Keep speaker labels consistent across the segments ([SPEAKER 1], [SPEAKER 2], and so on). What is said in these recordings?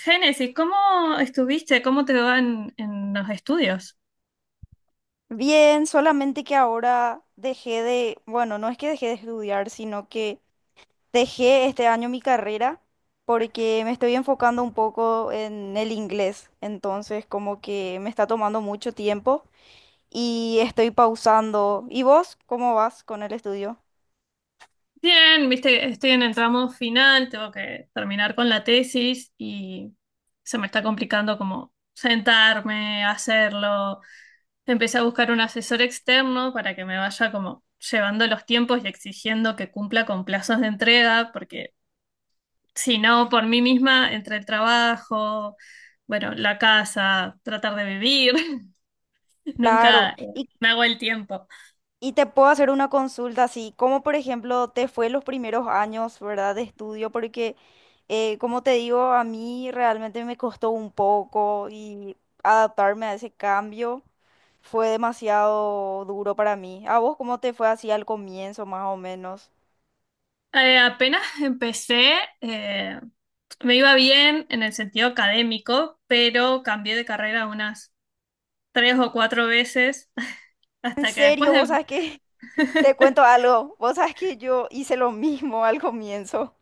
[SPEAKER 1] Génesis, ¿cómo estuviste? ¿Cómo te va en los estudios?
[SPEAKER 2] Bien, solamente que ahora bueno, no es que dejé de estudiar, sino que dejé este año mi carrera porque me estoy enfocando un poco en el inglés, entonces como que me está tomando mucho tiempo y estoy pausando. ¿Y vos cómo vas con el estudio?
[SPEAKER 1] Bien, viste, estoy en el tramo final, tengo que terminar con la tesis y se me está complicando como sentarme, hacerlo. Empecé a buscar un asesor externo para que me vaya como llevando los tiempos y exigiendo que cumpla con plazos de entrega, porque si no, por mí misma, entre el trabajo, bueno, la casa, tratar de vivir,
[SPEAKER 2] Claro,
[SPEAKER 1] nunca
[SPEAKER 2] y
[SPEAKER 1] me hago el tiempo.
[SPEAKER 2] Y te puedo hacer una consulta así, como por ejemplo te fue los primeros años, ¿verdad? De estudio, porque como te digo, a mí realmente me costó un poco y adaptarme a ese cambio fue demasiado duro para mí. ¿A vos cómo te fue así al comienzo, más o menos?
[SPEAKER 1] Apenas empecé, eh, me iba bien en el sentido académico, pero cambié de carrera unas tres o cuatro veces
[SPEAKER 2] En
[SPEAKER 1] hasta que después
[SPEAKER 2] serio,
[SPEAKER 1] de...
[SPEAKER 2] vos sabés que te cuento algo, vos sabés que yo hice lo mismo al comienzo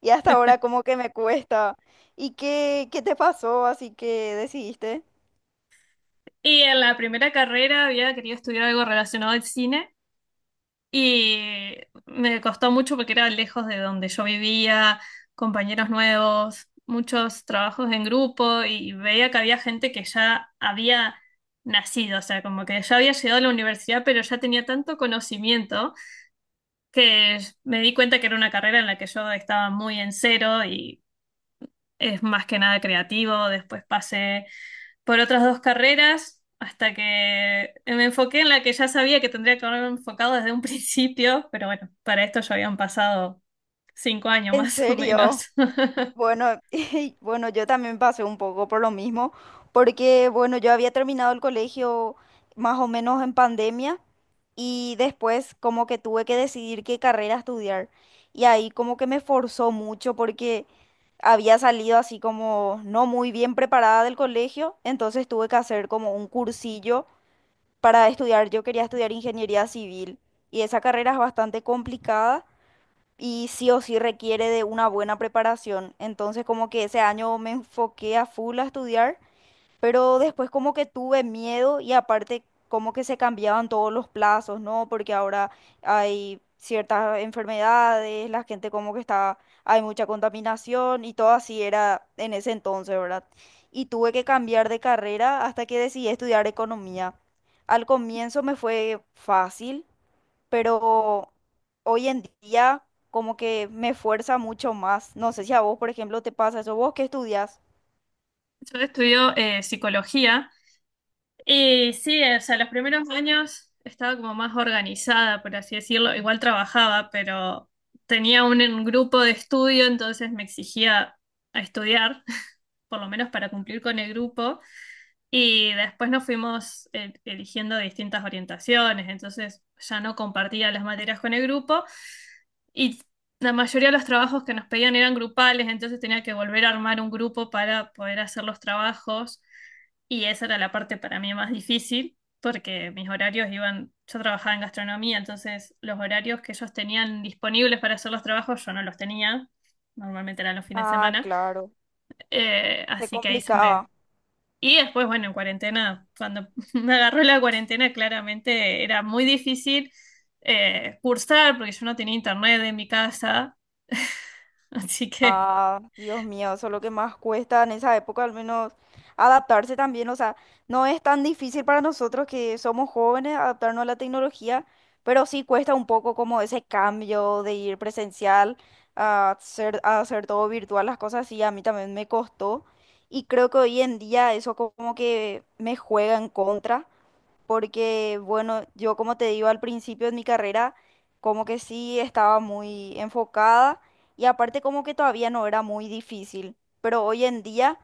[SPEAKER 2] y hasta ahora como que me cuesta. ¿Y qué te pasó? Así que decidiste.
[SPEAKER 1] Y en la primera carrera había querido estudiar algo relacionado al cine y me costó mucho porque era lejos de donde yo vivía, compañeros nuevos, muchos trabajos en grupo y veía que había gente que ya había nacido, o sea, como que ya había llegado a la universidad, pero ya tenía tanto conocimiento que me di cuenta que era una carrera en la que yo estaba muy en cero y es más que nada creativo. Después pasé por otras dos carreras hasta que me enfoqué en la que ya sabía que tendría que haberme enfocado desde un principio, pero bueno, para esto ya habían pasado 5 años
[SPEAKER 2] En
[SPEAKER 1] más o
[SPEAKER 2] serio.
[SPEAKER 1] menos.
[SPEAKER 2] Bueno, y bueno, yo también pasé un poco por lo mismo, porque bueno, yo había terminado el colegio más o menos en pandemia y después como que tuve que decidir qué carrera estudiar, y ahí como que me forzó mucho porque había salido así como no muy bien preparada del colegio, entonces tuve que hacer como un cursillo para estudiar. Yo quería estudiar ingeniería civil y esa carrera es bastante complicada y sí o sí requiere de una buena preparación. Entonces como que ese año me enfoqué a full a estudiar, pero después como que tuve miedo, y aparte como que se cambiaban todos los plazos, ¿no? Porque ahora hay ciertas enfermedades, la gente como que está, hay mucha contaminación y todo así era en ese entonces, ¿verdad? Y tuve que cambiar de carrera hasta que decidí estudiar economía. Al comienzo me fue fácil, pero hoy en día como que me fuerza mucho más. No sé si a vos, por ejemplo, te pasa eso. ¿Vos qué estudias?
[SPEAKER 1] Yo estudio psicología. Y sí, o sea, los primeros años estaba como más organizada, por así decirlo. Igual trabajaba, pero tenía un grupo de estudio, entonces me exigía a estudiar, por lo menos para cumplir con el grupo. Y después nos fuimos eligiendo distintas orientaciones, entonces ya no compartía las materias con el grupo y la mayoría de los trabajos que nos pedían eran grupales, entonces tenía que volver a armar un grupo para poder hacer los trabajos. Y esa era la parte para mí más difícil, porque mis horarios iban, yo trabajaba en gastronomía, entonces los horarios que ellos tenían disponibles para hacer los trabajos yo no los tenía, normalmente eran los fines de
[SPEAKER 2] Ah,
[SPEAKER 1] semana.
[SPEAKER 2] claro, se
[SPEAKER 1] Así que ahí se me,
[SPEAKER 2] complicaba.
[SPEAKER 1] y después, bueno, en cuarentena, cuando me agarró la cuarentena, claramente era muy difícil cursar porque yo no tenía internet en mi casa. Así que
[SPEAKER 2] Ah, Dios mío, eso es lo que más cuesta en esa época, al menos adaptarse también. O sea, no es tan difícil para nosotros que somos jóvenes adaptarnos a la tecnología, pero sí cuesta un poco como ese cambio de ir presencial a hacer todo virtual, las cosas así. A mí también me costó. Y creo que hoy en día eso como que me juega en contra, porque bueno, yo como te digo, al principio de mi carrera como que sí estaba muy enfocada, y aparte como que todavía no era muy difícil, pero hoy en día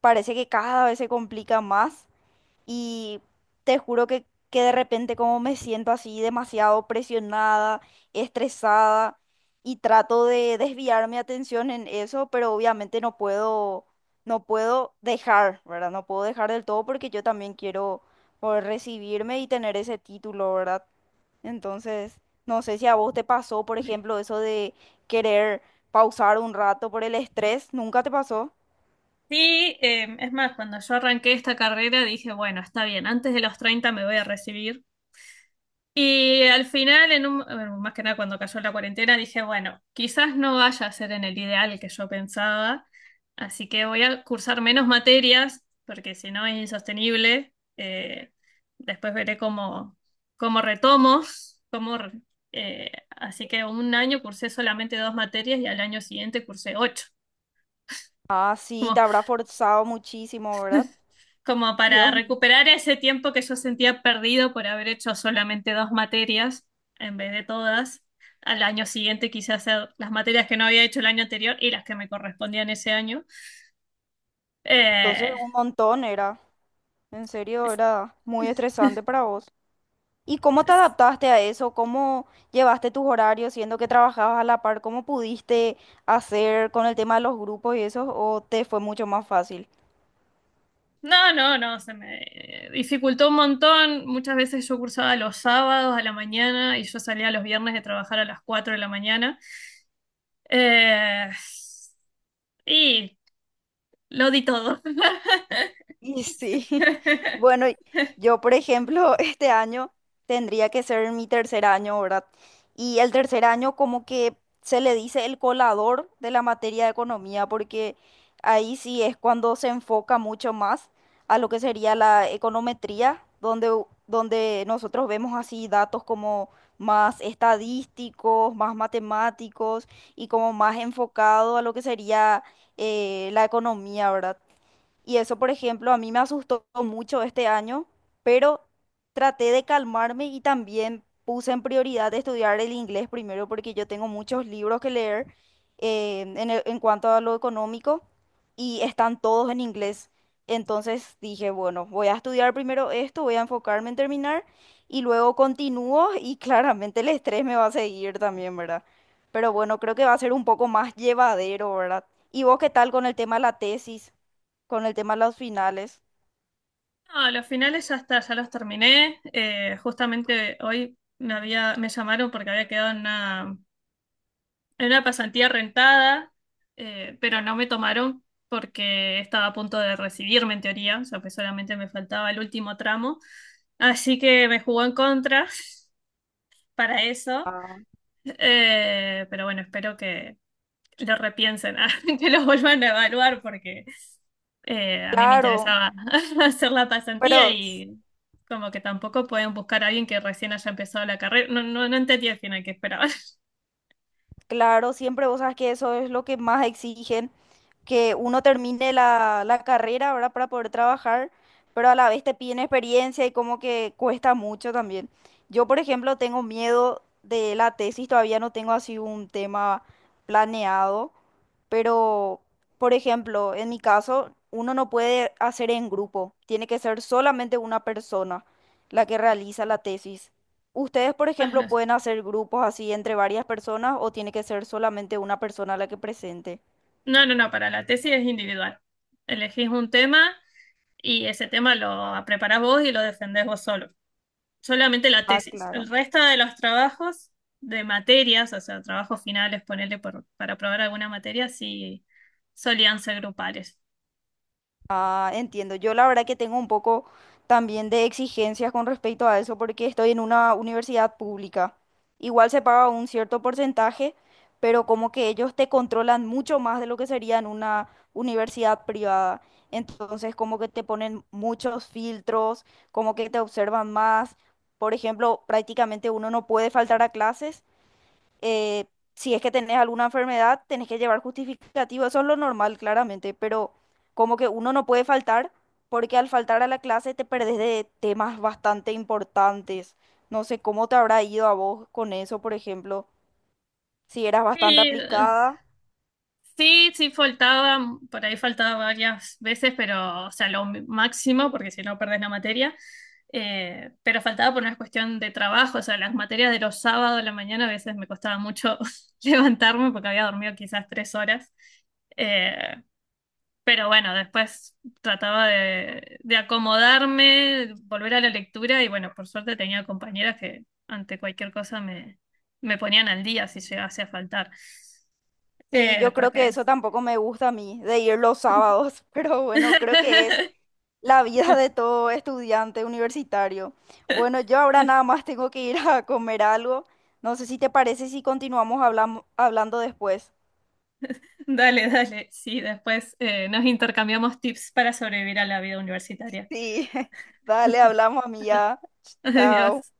[SPEAKER 2] parece que cada vez se complica más, y te juro que de repente como me siento así demasiado presionada, estresada, y trato de desviar mi atención en eso, pero obviamente no puedo, no puedo dejar, ¿verdad? No puedo dejar del todo, porque yo también quiero poder recibirme y tener ese título, ¿verdad? Entonces, no sé si a vos te pasó, por ejemplo, eso de querer pausar un rato por el estrés, ¿nunca te pasó?
[SPEAKER 1] sí, es más, cuando yo arranqué esta carrera dije, bueno, está bien, antes de los 30 me voy a recibir. Y al final, en un, bueno, más que nada cuando cayó la cuarentena, dije, bueno, quizás no vaya a ser en el ideal que yo pensaba, así que voy a cursar menos materias, porque si no es insostenible. Después veré cómo retomo, cómo, re- así que un año cursé solamente dos materias y al año siguiente cursé ocho.
[SPEAKER 2] Ah, sí, te habrá forzado muchísimo, ¿verdad?
[SPEAKER 1] Como para
[SPEAKER 2] Dios.
[SPEAKER 1] recuperar ese tiempo que yo sentía perdido por haber hecho solamente dos materias en vez de todas. Al año siguiente quise hacer las materias que no había hecho el año anterior y las que me correspondían ese año.
[SPEAKER 2] Entonces,
[SPEAKER 1] Eh,
[SPEAKER 2] un montón era, en serio,
[SPEAKER 1] es-
[SPEAKER 2] era muy estresante para vos. ¿Y cómo te
[SPEAKER 1] es-
[SPEAKER 2] adaptaste a eso? ¿Cómo llevaste tus horarios, siendo que trabajabas a la par? ¿Cómo pudiste hacer con el tema de los grupos y eso? ¿O te fue mucho más fácil?
[SPEAKER 1] no, no, no, se me dificultó un montón. Muchas veces yo cursaba los sábados a la mañana y yo salía los viernes de trabajar a las 4 de la mañana. Eh, y lo di todo.
[SPEAKER 2] Y sí, bueno, yo por ejemplo, este año tendría que ser mi tercer año, ¿verdad? Y el tercer año como que se le dice el colador de la materia de economía, porque ahí sí es cuando se enfoca mucho más a lo que sería la econometría, donde, donde nosotros vemos así datos como más estadísticos, más matemáticos y como más enfocado a lo que sería la economía, ¿verdad? Y eso, por ejemplo, a mí me asustó mucho este año, pero traté de calmarme y también puse en prioridad estudiar el inglés primero, porque yo tengo muchos libros que leer en cuanto a lo económico, y están todos en inglés. Entonces dije, bueno, voy a estudiar primero esto, voy a enfocarme en terminar y luego continúo, y claramente el estrés me va a seguir también, ¿verdad? Pero bueno, creo que va a ser un poco más llevadero, ¿verdad? ¿Y vos qué tal con el tema de la tesis? Con el tema de las finales.
[SPEAKER 1] No, los finales ya está, ya los terminé. Justamente hoy me llamaron porque había quedado en una pasantía rentada, pero no me tomaron porque estaba a punto de recibirme en teoría, o sea que solamente me faltaba el último tramo. Así que me jugó en contra para eso.
[SPEAKER 2] Ah.
[SPEAKER 1] Pero bueno, espero que lo repiensen, que lo vuelvan a evaluar porque a mí me
[SPEAKER 2] Claro,
[SPEAKER 1] interesaba hacer la pasantía
[SPEAKER 2] pero s-
[SPEAKER 1] y como que tampoco pueden buscar a alguien que recién haya empezado la carrera. No, no, no entendí al final qué esperaban.
[SPEAKER 2] claro, siempre vos sabes que eso es lo que más exigen, que uno termine la carrera ahora, para poder trabajar, pero a la vez te piden experiencia y como que cuesta mucho también. Yo, por ejemplo, tengo miedo de la tesis, todavía no tengo así un tema planeado, pero, por ejemplo, en mi caso, uno no puede hacer en grupo, tiene que ser solamente una persona la que realiza la tesis. Ustedes, por ejemplo, ¿pueden hacer grupos así entre varias personas o tiene que ser solamente una persona la que presente?
[SPEAKER 1] No, no, no, para la tesis es individual. Elegís un tema y ese tema lo preparás vos y lo defendés vos solo. Solamente la
[SPEAKER 2] Ah,
[SPEAKER 1] tesis. El
[SPEAKER 2] claro.
[SPEAKER 1] resto de los trabajos de materias, o sea, trabajos finales, ponerle para probar alguna materia, sí solían ser grupales.
[SPEAKER 2] Ah, entiendo. Yo la verdad que tengo un poco también de exigencias con respecto a eso, porque estoy en una universidad pública. Igual se paga un cierto porcentaje, pero como que ellos te controlan mucho más de lo que sería en una universidad privada. Entonces, como que te ponen muchos filtros, como que te observan más. Por ejemplo, prácticamente uno no puede faltar a clases, eh, si es que tenés alguna enfermedad, tenés que llevar justificativo, eso es lo normal, claramente, pero como que uno no puede faltar, porque al faltar a la clase te perdés de temas bastante importantes. No sé cómo te habrá ido a vos con eso, por ejemplo, si eras bastante
[SPEAKER 1] Sí,
[SPEAKER 2] aplicada.
[SPEAKER 1] sí, sí, faltaba, por ahí faltaba varias veces, pero, o sea, lo máximo, porque si no perdés la materia, pero faltaba por una cuestión de trabajo, o sea, las materias de los sábados a la mañana a veces me costaba mucho levantarme porque había dormido quizás 3 horas. Eh, pero bueno, después trataba de acomodarme, volver a la lectura y bueno, por suerte tenía compañeras que ante cualquier cosa me, me ponían al día si llegase a faltar.
[SPEAKER 2] Sí, yo creo que
[SPEAKER 1] Porque
[SPEAKER 2] eso tampoco me gusta a mí, de ir los sábados, pero bueno, creo que es la vida de todo estudiante universitario. Bueno, yo ahora nada más tengo que ir a comer algo. No sé si te parece si continuamos hablando después.
[SPEAKER 1] Dale, dale. Sí, después nos intercambiamos tips para sobrevivir a la vida universitaria.
[SPEAKER 2] Sí, dale, hablamos, amiga. Chao.
[SPEAKER 1] Adiós.